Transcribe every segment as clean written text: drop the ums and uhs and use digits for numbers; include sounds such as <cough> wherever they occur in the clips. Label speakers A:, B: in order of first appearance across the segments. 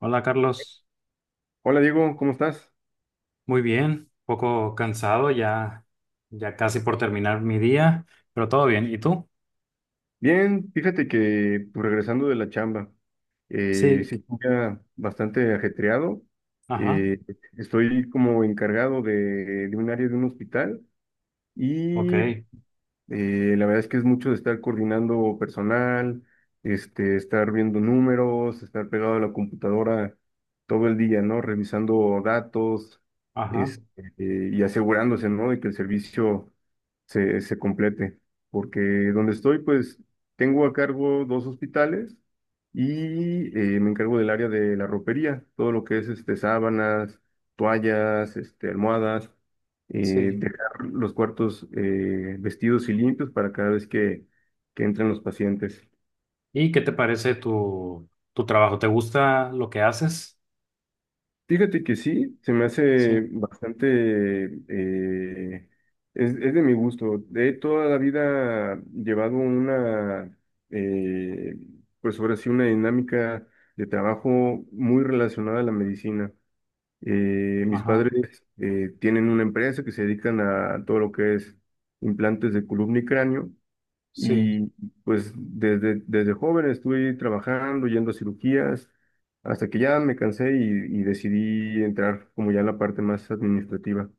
A: Hola Carlos,
B: Hola Diego, ¿cómo estás?
A: muy bien, un poco cansado ya, ya casi por terminar mi día, pero todo bien. ¿Y tú?
B: Bien, fíjate que pues, regresando de la chamba,
A: Sí,
B: sí, fue un día bastante ajetreado.
A: ajá,
B: Eh, Estoy como encargado de un área de un hospital y
A: ok,
B: la verdad es que es mucho de estar coordinando personal, este, estar viendo números, estar pegado a la computadora todo el día, ¿no? Revisando datos,
A: ajá,
B: este, y asegurándose, ¿no? De que el servicio se complete, porque donde estoy, pues tengo a cargo dos hospitales y me encargo del área de la ropería, todo lo que es este, sábanas, toallas, este, almohadas,
A: sí.
B: dejar los cuartos vestidos y limpios para cada vez que entren los pacientes.
A: ¿Y qué te parece tu, tu trabajo? ¿Te gusta lo que haces?
B: Fíjate que sí, se me hace
A: Sí,
B: bastante, es de mi gusto. He toda la vida llevado una, eh, pues ahora sí, una dinámica de trabajo muy relacionada a la medicina. Mis
A: ajá,
B: padres tienen una empresa que se dedican a todo lo que es implantes de columna y cráneo
A: sí,
B: y pues desde joven estuve trabajando, yendo a cirugías, hasta que ya me cansé y decidí entrar como ya en la parte más administrativa.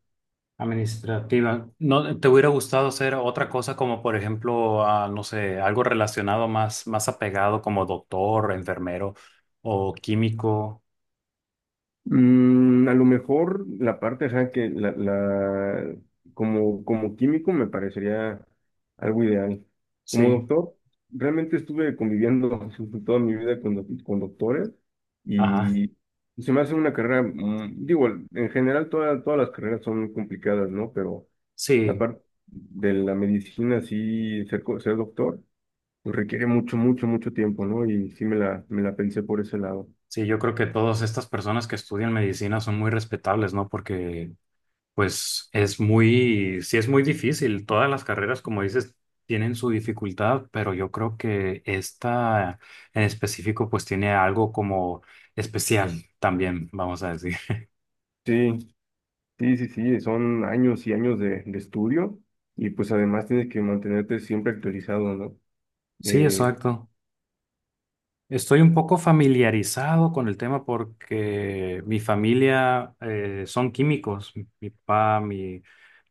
A: administrativa. ¿No te hubiera gustado hacer otra cosa como, por ejemplo, ah, no sé, algo relacionado más, más apegado como doctor, enfermero o químico?
B: Mm, a lo mejor la parte, ajá, como, como químico me parecería algo ideal. Como
A: Sí,
B: doctor, realmente estuve conviviendo <laughs> toda mi vida con, con doctores
A: ajá.
B: y se me hace una carrera, mm, digo, en general todas las carreras son complicadas, ¿no? Pero la
A: Sí,
B: parte de la medicina, sí, ser doctor, pues requiere mucho, mucho, mucho tiempo, ¿no? Y sí me la pensé por ese lado.
A: sí, yo creo que todas estas personas que estudian medicina son muy respetables, ¿no? Porque, pues, es muy, sí es muy difícil. Todas las carreras, como dices, tienen su dificultad, pero yo creo que esta en específico, pues, tiene algo como especial también, vamos a decir.
B: Sí, sí, sí, sí, son años y años de estudio y pues además tienes que mantenerte siempre actualizado, ¿no?
A: Sí,
B: Eh,
A: exacto. Estoy un poco familiarizado con el tema porque mi familia son químicos, mi papá, mi,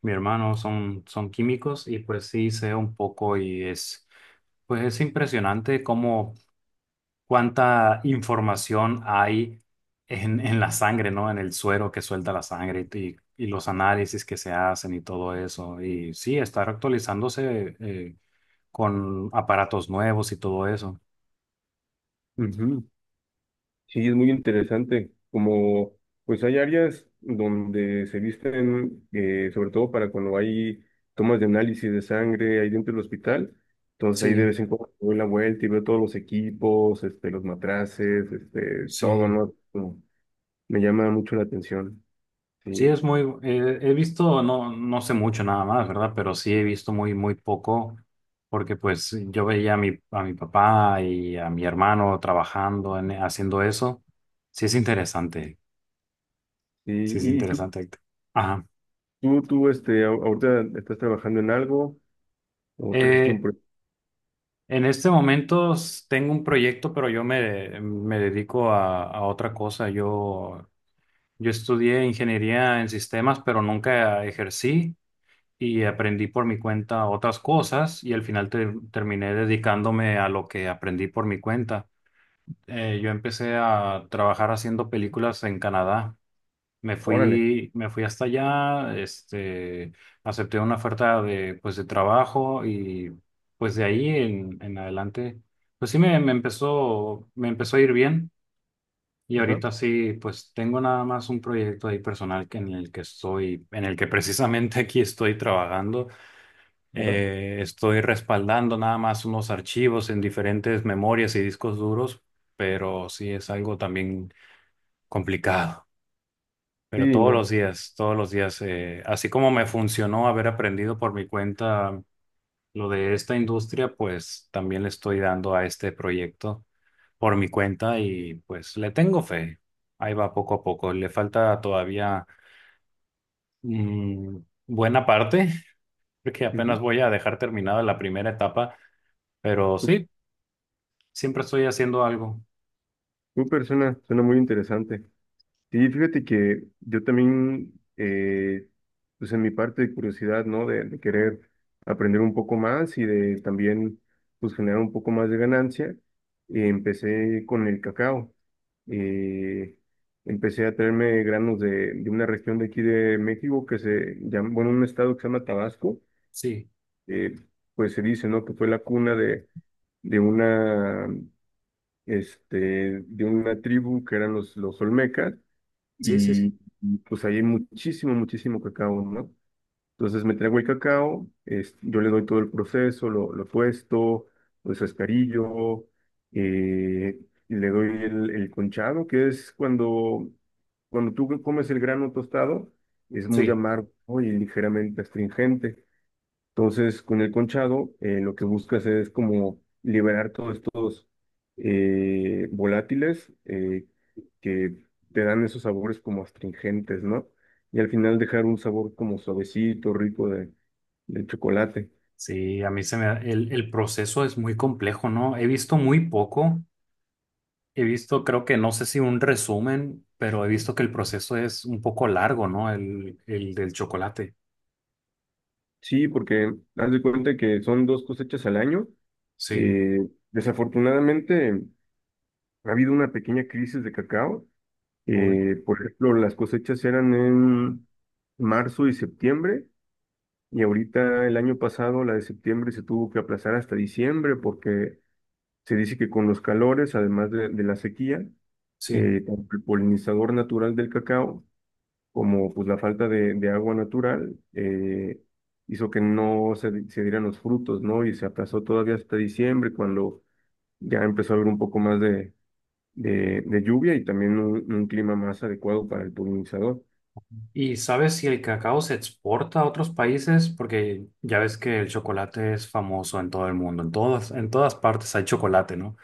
A: mi hermano son, son químicos y pues sí sé un poco y es, pues es impresionante cómo cuánta información hay en la sangre, ¿no? En el suero que suelta la sangre y los análisis que se hacen y todo eso. Y sí, estar actualizándose con aparatos nuevos y todo eso.
B: Ujú. Sí, es muy interesante. Como pues hay áreas donde se visten, sobre todo para cuando hay tomas de análisis de sangre ahí dentro del hospital. Entonces ahí de
A: Sí.
B: vez en cuando doy la vuelta y veo todos los equipos, este, los matraces, este, todo,
A: Sí,
B: ¿no? Como me llama mucho la atención.
A: sí,
B: Sí,
A: es muy, he visto, no, no sé mucho nada más, ¿verdad? Pero sí he visto muy, muy poco, porque pues yo veía a mi papá y a mi hermano trabajando, en, haciendo eso. Sí es interesante,
B: sí.
A: sí es
B: ¿Y,
A: interesante. Héctor. Ajá.
B: tú, este, ahorita estás trabajando en algo o tienes un...
A: Eh,
B: pro-
A: en este momento tengo un proyecto, pero yo me, me dedico a otra cosa. Yo estudié ingeniería en sistemas, pero nunca ejercí. Y aprendí por mi cuenta otras cosas y al final terminé dedicándome a lo que aprendí por mi cuenta. Yo empecé a trabajar haciendo películas en Canadá.
B: Órale.
A: Me fui hasta allá, este, acepté una oferta de, pues, de trabajo y pues de ahí en adelante, pues sí me, me empezó a ir bien. Y
B: Ajá.
A: ahorita sí, pues tengo nada más un proyecto ahí personal que en el que estoy, en el que precisamente <laughs> aquí estoy trabajando.
B: Ajá.
A: Estoy respaldando nada más unos archivos en diferentes memorias y discos duros, pero sí es algo también complicado. Pero
B: Sí, no.
A: todos los días, así como me funcionó haber aprendido por mi cuenta lo de esta industria, pues también le estoy dando a este proyecto por mi cuenta y pues le tengo fe. Ahí va poco a poco. Le falta todavía mm, buena parte, <laughs> porque apenas
B: Ujú.
A: voy a dejar terminada la primera etapa. Pero
B: Tu,
A: sí, siempre estoy haciendo algo.
B: Tu persona suena muy interesante. Sí, fíjate que yo también, pues en mi parte de curiosidad, ¿no? De querer aprender un poco más y de también, pues generar un poco más de ganancia, empecé con el cacao. Eh, Empecé a traerme granos de una región de aquí de México que se llama, bueno, un estado que se llama Tabasco.
A: Sí,
B: Eh, pues se dice, ¿no? Que fue la cuna de una, este, de una tribu que eran los olmecas
A: sí, sí, sí.
B: y y pues ahí hay muchísimo, muchísimo cacao, ¿no? Entonces me traigo el cacao, es- yo le doy todo el proceso, lo tuesto, lo descascarillo, eh, y le doy el conchado, que es cuando tú comes el grano tostado, es muy
A: Sí,
B: amargo y ligeramente astringente. Entonces, con el conchado, lo que buscas es como liberar todos estos volátiles que te dan esos sabores como astringentes, ¿no? Y al final dejar un sabor como suavecito, rico del chocolate.
A: sí, a mí el proceso es muy complejo, ¿no? He visto muy poco. He visto, creo que no sé si un resumen, pero he visto que el proceso es un poco largo, ¿no? El del chocolate.
B: Sí, porque haz de cuenta que son dos cosechas al año.
A: Sí,
B: Eh, Desafortunadamente, ha habido una pequeña crisis de cacao.
A: obvio.
B: Por ejemplo, las cosechas eran en marzo y septiembre. Y ahorita el año pasado, la de septiembre, se tuvo que aplazar hasta diciembre porque se dice que con los calores, además de la sequía,
A: Sí.
B: tanto el polinizador natural del cacao como pues, la falta de agua natural hizo que no se, se dieran los frutos, ¿no? Y se aplazó todavía hasta diciembre cuando ya empezó a haber un poco más de lluvia y también un clima más adecuado para el polinizador.
A: ¿Y sabes si el cacao se exporta a otros países? Porque ya ves que el chocolate es famoso en todo el mundo. En todas partes hay chocolate, ¿no?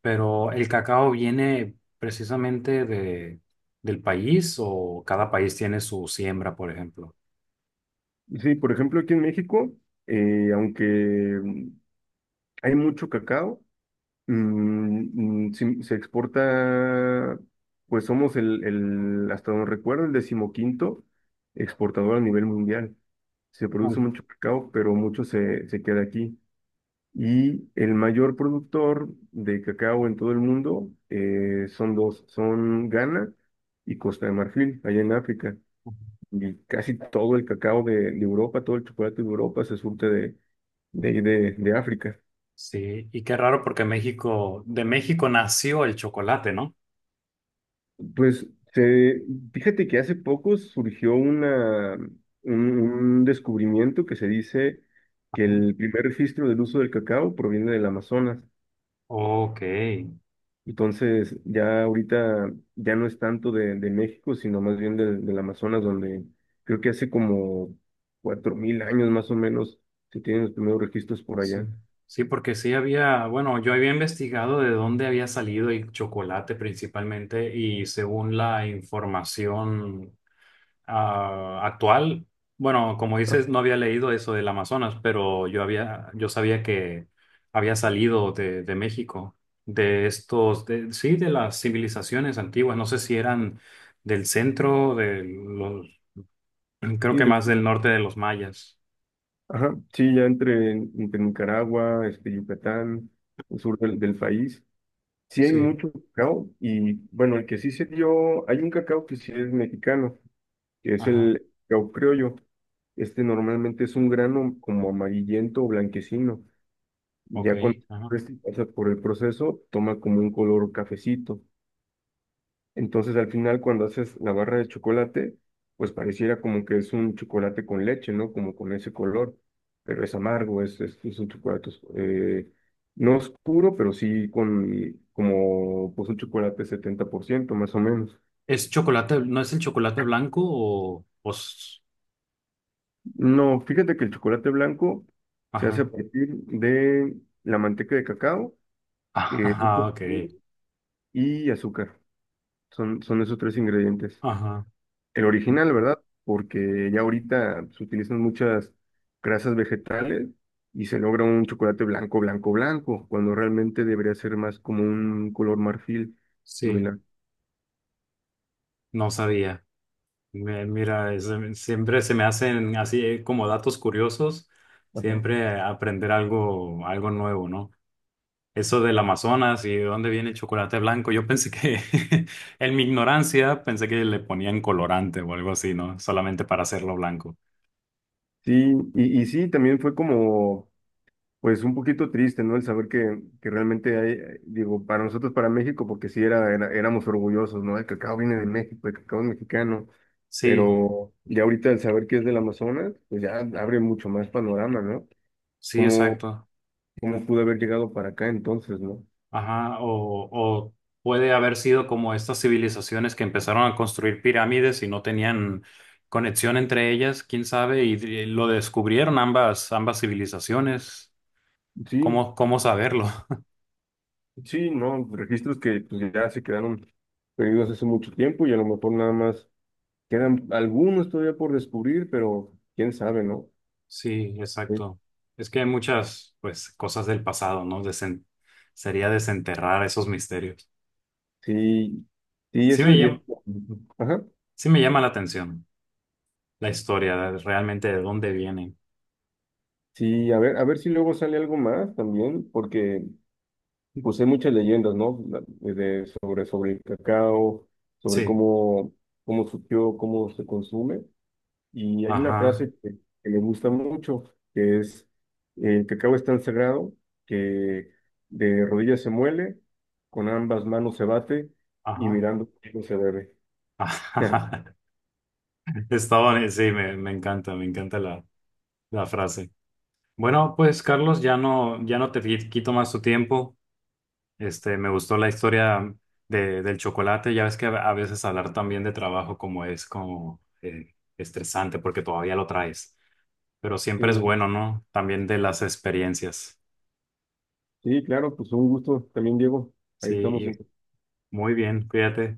A: Pero el cacao viene precisamente de, del país o cada país tiene su siembra, por ejemplo.
B: Sí, por ejemplo, aquí en México, aunque mm, hay mucho cacao. Mm, mm, sí, se exporta, pues somos hasta donde recuerdo, el decimoquinto exportador a nivel mundial. Se
A: Mm.
B: produce mucho cacao, pero mucho se queda aquí. Y el mayor productor de cacao en todo el mundo son dos, son Ghana y Costa de Marfil, allá en África. Y casi todo el cacao de Europa, todo el chocolate de Europa se surte de África.
A: Sí, y qué raro porque México, de México nació el chocolate, ¿no?
B: Pues se- fíjate que hace poco surgió un descubrimiento que se dice que
A: Ajá.
B: el primer registro del uso del cacao proviene del Amazonas.
A: Ok,
B: Entonces, ya ahorita ya no es tanto de México, sino más bien del Amazonas, donde creo que hace como 4000 años más o menos se tienen los primeros registros por allá.
A: sí. Sí, porque sí había, bueno, yo había investigado de dónde había salido el chocolate principalmente y según la información ah, actual, bueno, como
B: Ah,
A: dices, no había leído eso del Amazonas, pero yo había, yo sabía que había salido de México, de estos, sí, de las civilizaciones antiguas. No sé si eran del centro, de los, creo
B: sí,
A: que más
B: de-
A: del norte de los mayas.
B: ajá, sí, ya entre, entre Nicaragua, este, Yucatán, el sur del país. Sí hay
A: Sí,
B: mucho cacao y bueno, el que sí se dio, hay un cacao que sí es mexicano, que es
A: ajá,
B: el cacao criollo. Este normalmente es un grano como amarillento o blanquecino.
A: ok,
B: Ya cuando
A: ajá.
B: este pasa por el proceso, toma como un color cafecito. Entonces al final cuando haces la barra de chocolate, pues pareciera como que es un chocolate con leche, ¿no? Como con ese color, pero es amargo, es un chocolate no oscuro, pero sí con como pues un chocolate 70% más o menos.
A: ¿Es chocolate, no es el chocolate blanco o,
B: No, fíjate que el chocolate blanco se hace a
A: ajá,
B: partir de la manteca de cacao,
A: <laughs>
B: leche
A: ajá,
B: en
A: ok,
B: polvo y azúcar. Son esos tres ingredientes.
A: ajá,
B: El original, ¿verdad? Porque ya ahorita se utilizan muchas grasas vegetales y se logra un chocolate blanco, blanco, blanco, cuando realmente debería ser más como un color marfil.
A: sí,
B: Mira.
A: no sabía. Mira, siempre se me hacen así como datos curiosos,
B: Ajá.
A: siempre aprender algo, algo nuevo, ¿no? Eso del Amazonas y de dónde viene el chocolate blanco, yo pensé que, <laughs> en mi ignorancia, pensé que le ponían colorante o algo así, ¿no? Solamente para hacerlo blanco.
B: Sí, y sí, también fue como, pues un poquito triste, ¿no? El saber que realmente hay, digo, para nosotros, para México, porque sí era, éramos orgullosos, ¿no? El cacao viene de México, el cacao es mexicano,
A: Sí,
B: pero ya ahorita el saber que es del Amazonas, pues ya abre mucho más panorama, ¿no?
A: sí,
B: Como,
A: exacto.
B: ¿cómo pudo haber llegado para acá entonces, no?
A: Ajá, o puede haber sido como estas civilizaciones que empezaron a construir pirámides y no tenían conexión entre ellas, quién sabe, lo descubrieron ambas, ambas civilizaciones.
B: Sí,
A: ¿Cómo, cómo saberlo? <laughs>
B: sí, no, registros que pues, ya se quedaron perdidos hace mucho tiempo y a lo mejor nada más quedan algunos todavía por descubrir, pero quién sabe, ¿no?
A: Sí,
B: Sí,
A: exacto. Es que hay muchas, pues, cosas del pasado, ¿no? Sería desenterrar esos misterios.
B: sí, sí,
A: Sí
B: eso,
A: me
B: y es-
A: llama,
B: ajá,
A: sí me llama la atención la historia, realmente de dónde vienen.
B: sí, a ver si luego sale algo más también, porque pues hay muchas leyendas, ¿no? De, sobre, sobre el cacao, sobre
A: Sí,
B: cómo, cómo surgió, cómo se consume. Y hay una
A: ajá,
B: frase que me gusta mucho, que es, el cacao es tan sagrado que de rodillas se muele, con ambas manos se bate y
A: ajá,
B: mirando el se bebe.
A: <laughs>
B: <laughs>
A: ajá. Sí, me, me encanta la, la frase. Bueno, pues Carlos, ya no, ya no te quito más tu tiempo. Este, me gustó la historia de, del chocolate. Ya ves que a veces hablar también de trabajo como es como estresante porque todavía lo traes. Pero siempre es
B: Sí,
A: bueno, ¿no? También de las experiencias.
B: sí, claro, pues un gusto también, Diego. Ahí
A: Sí,
B: estamos
A: y
B: en
A: muy bien, cuídate.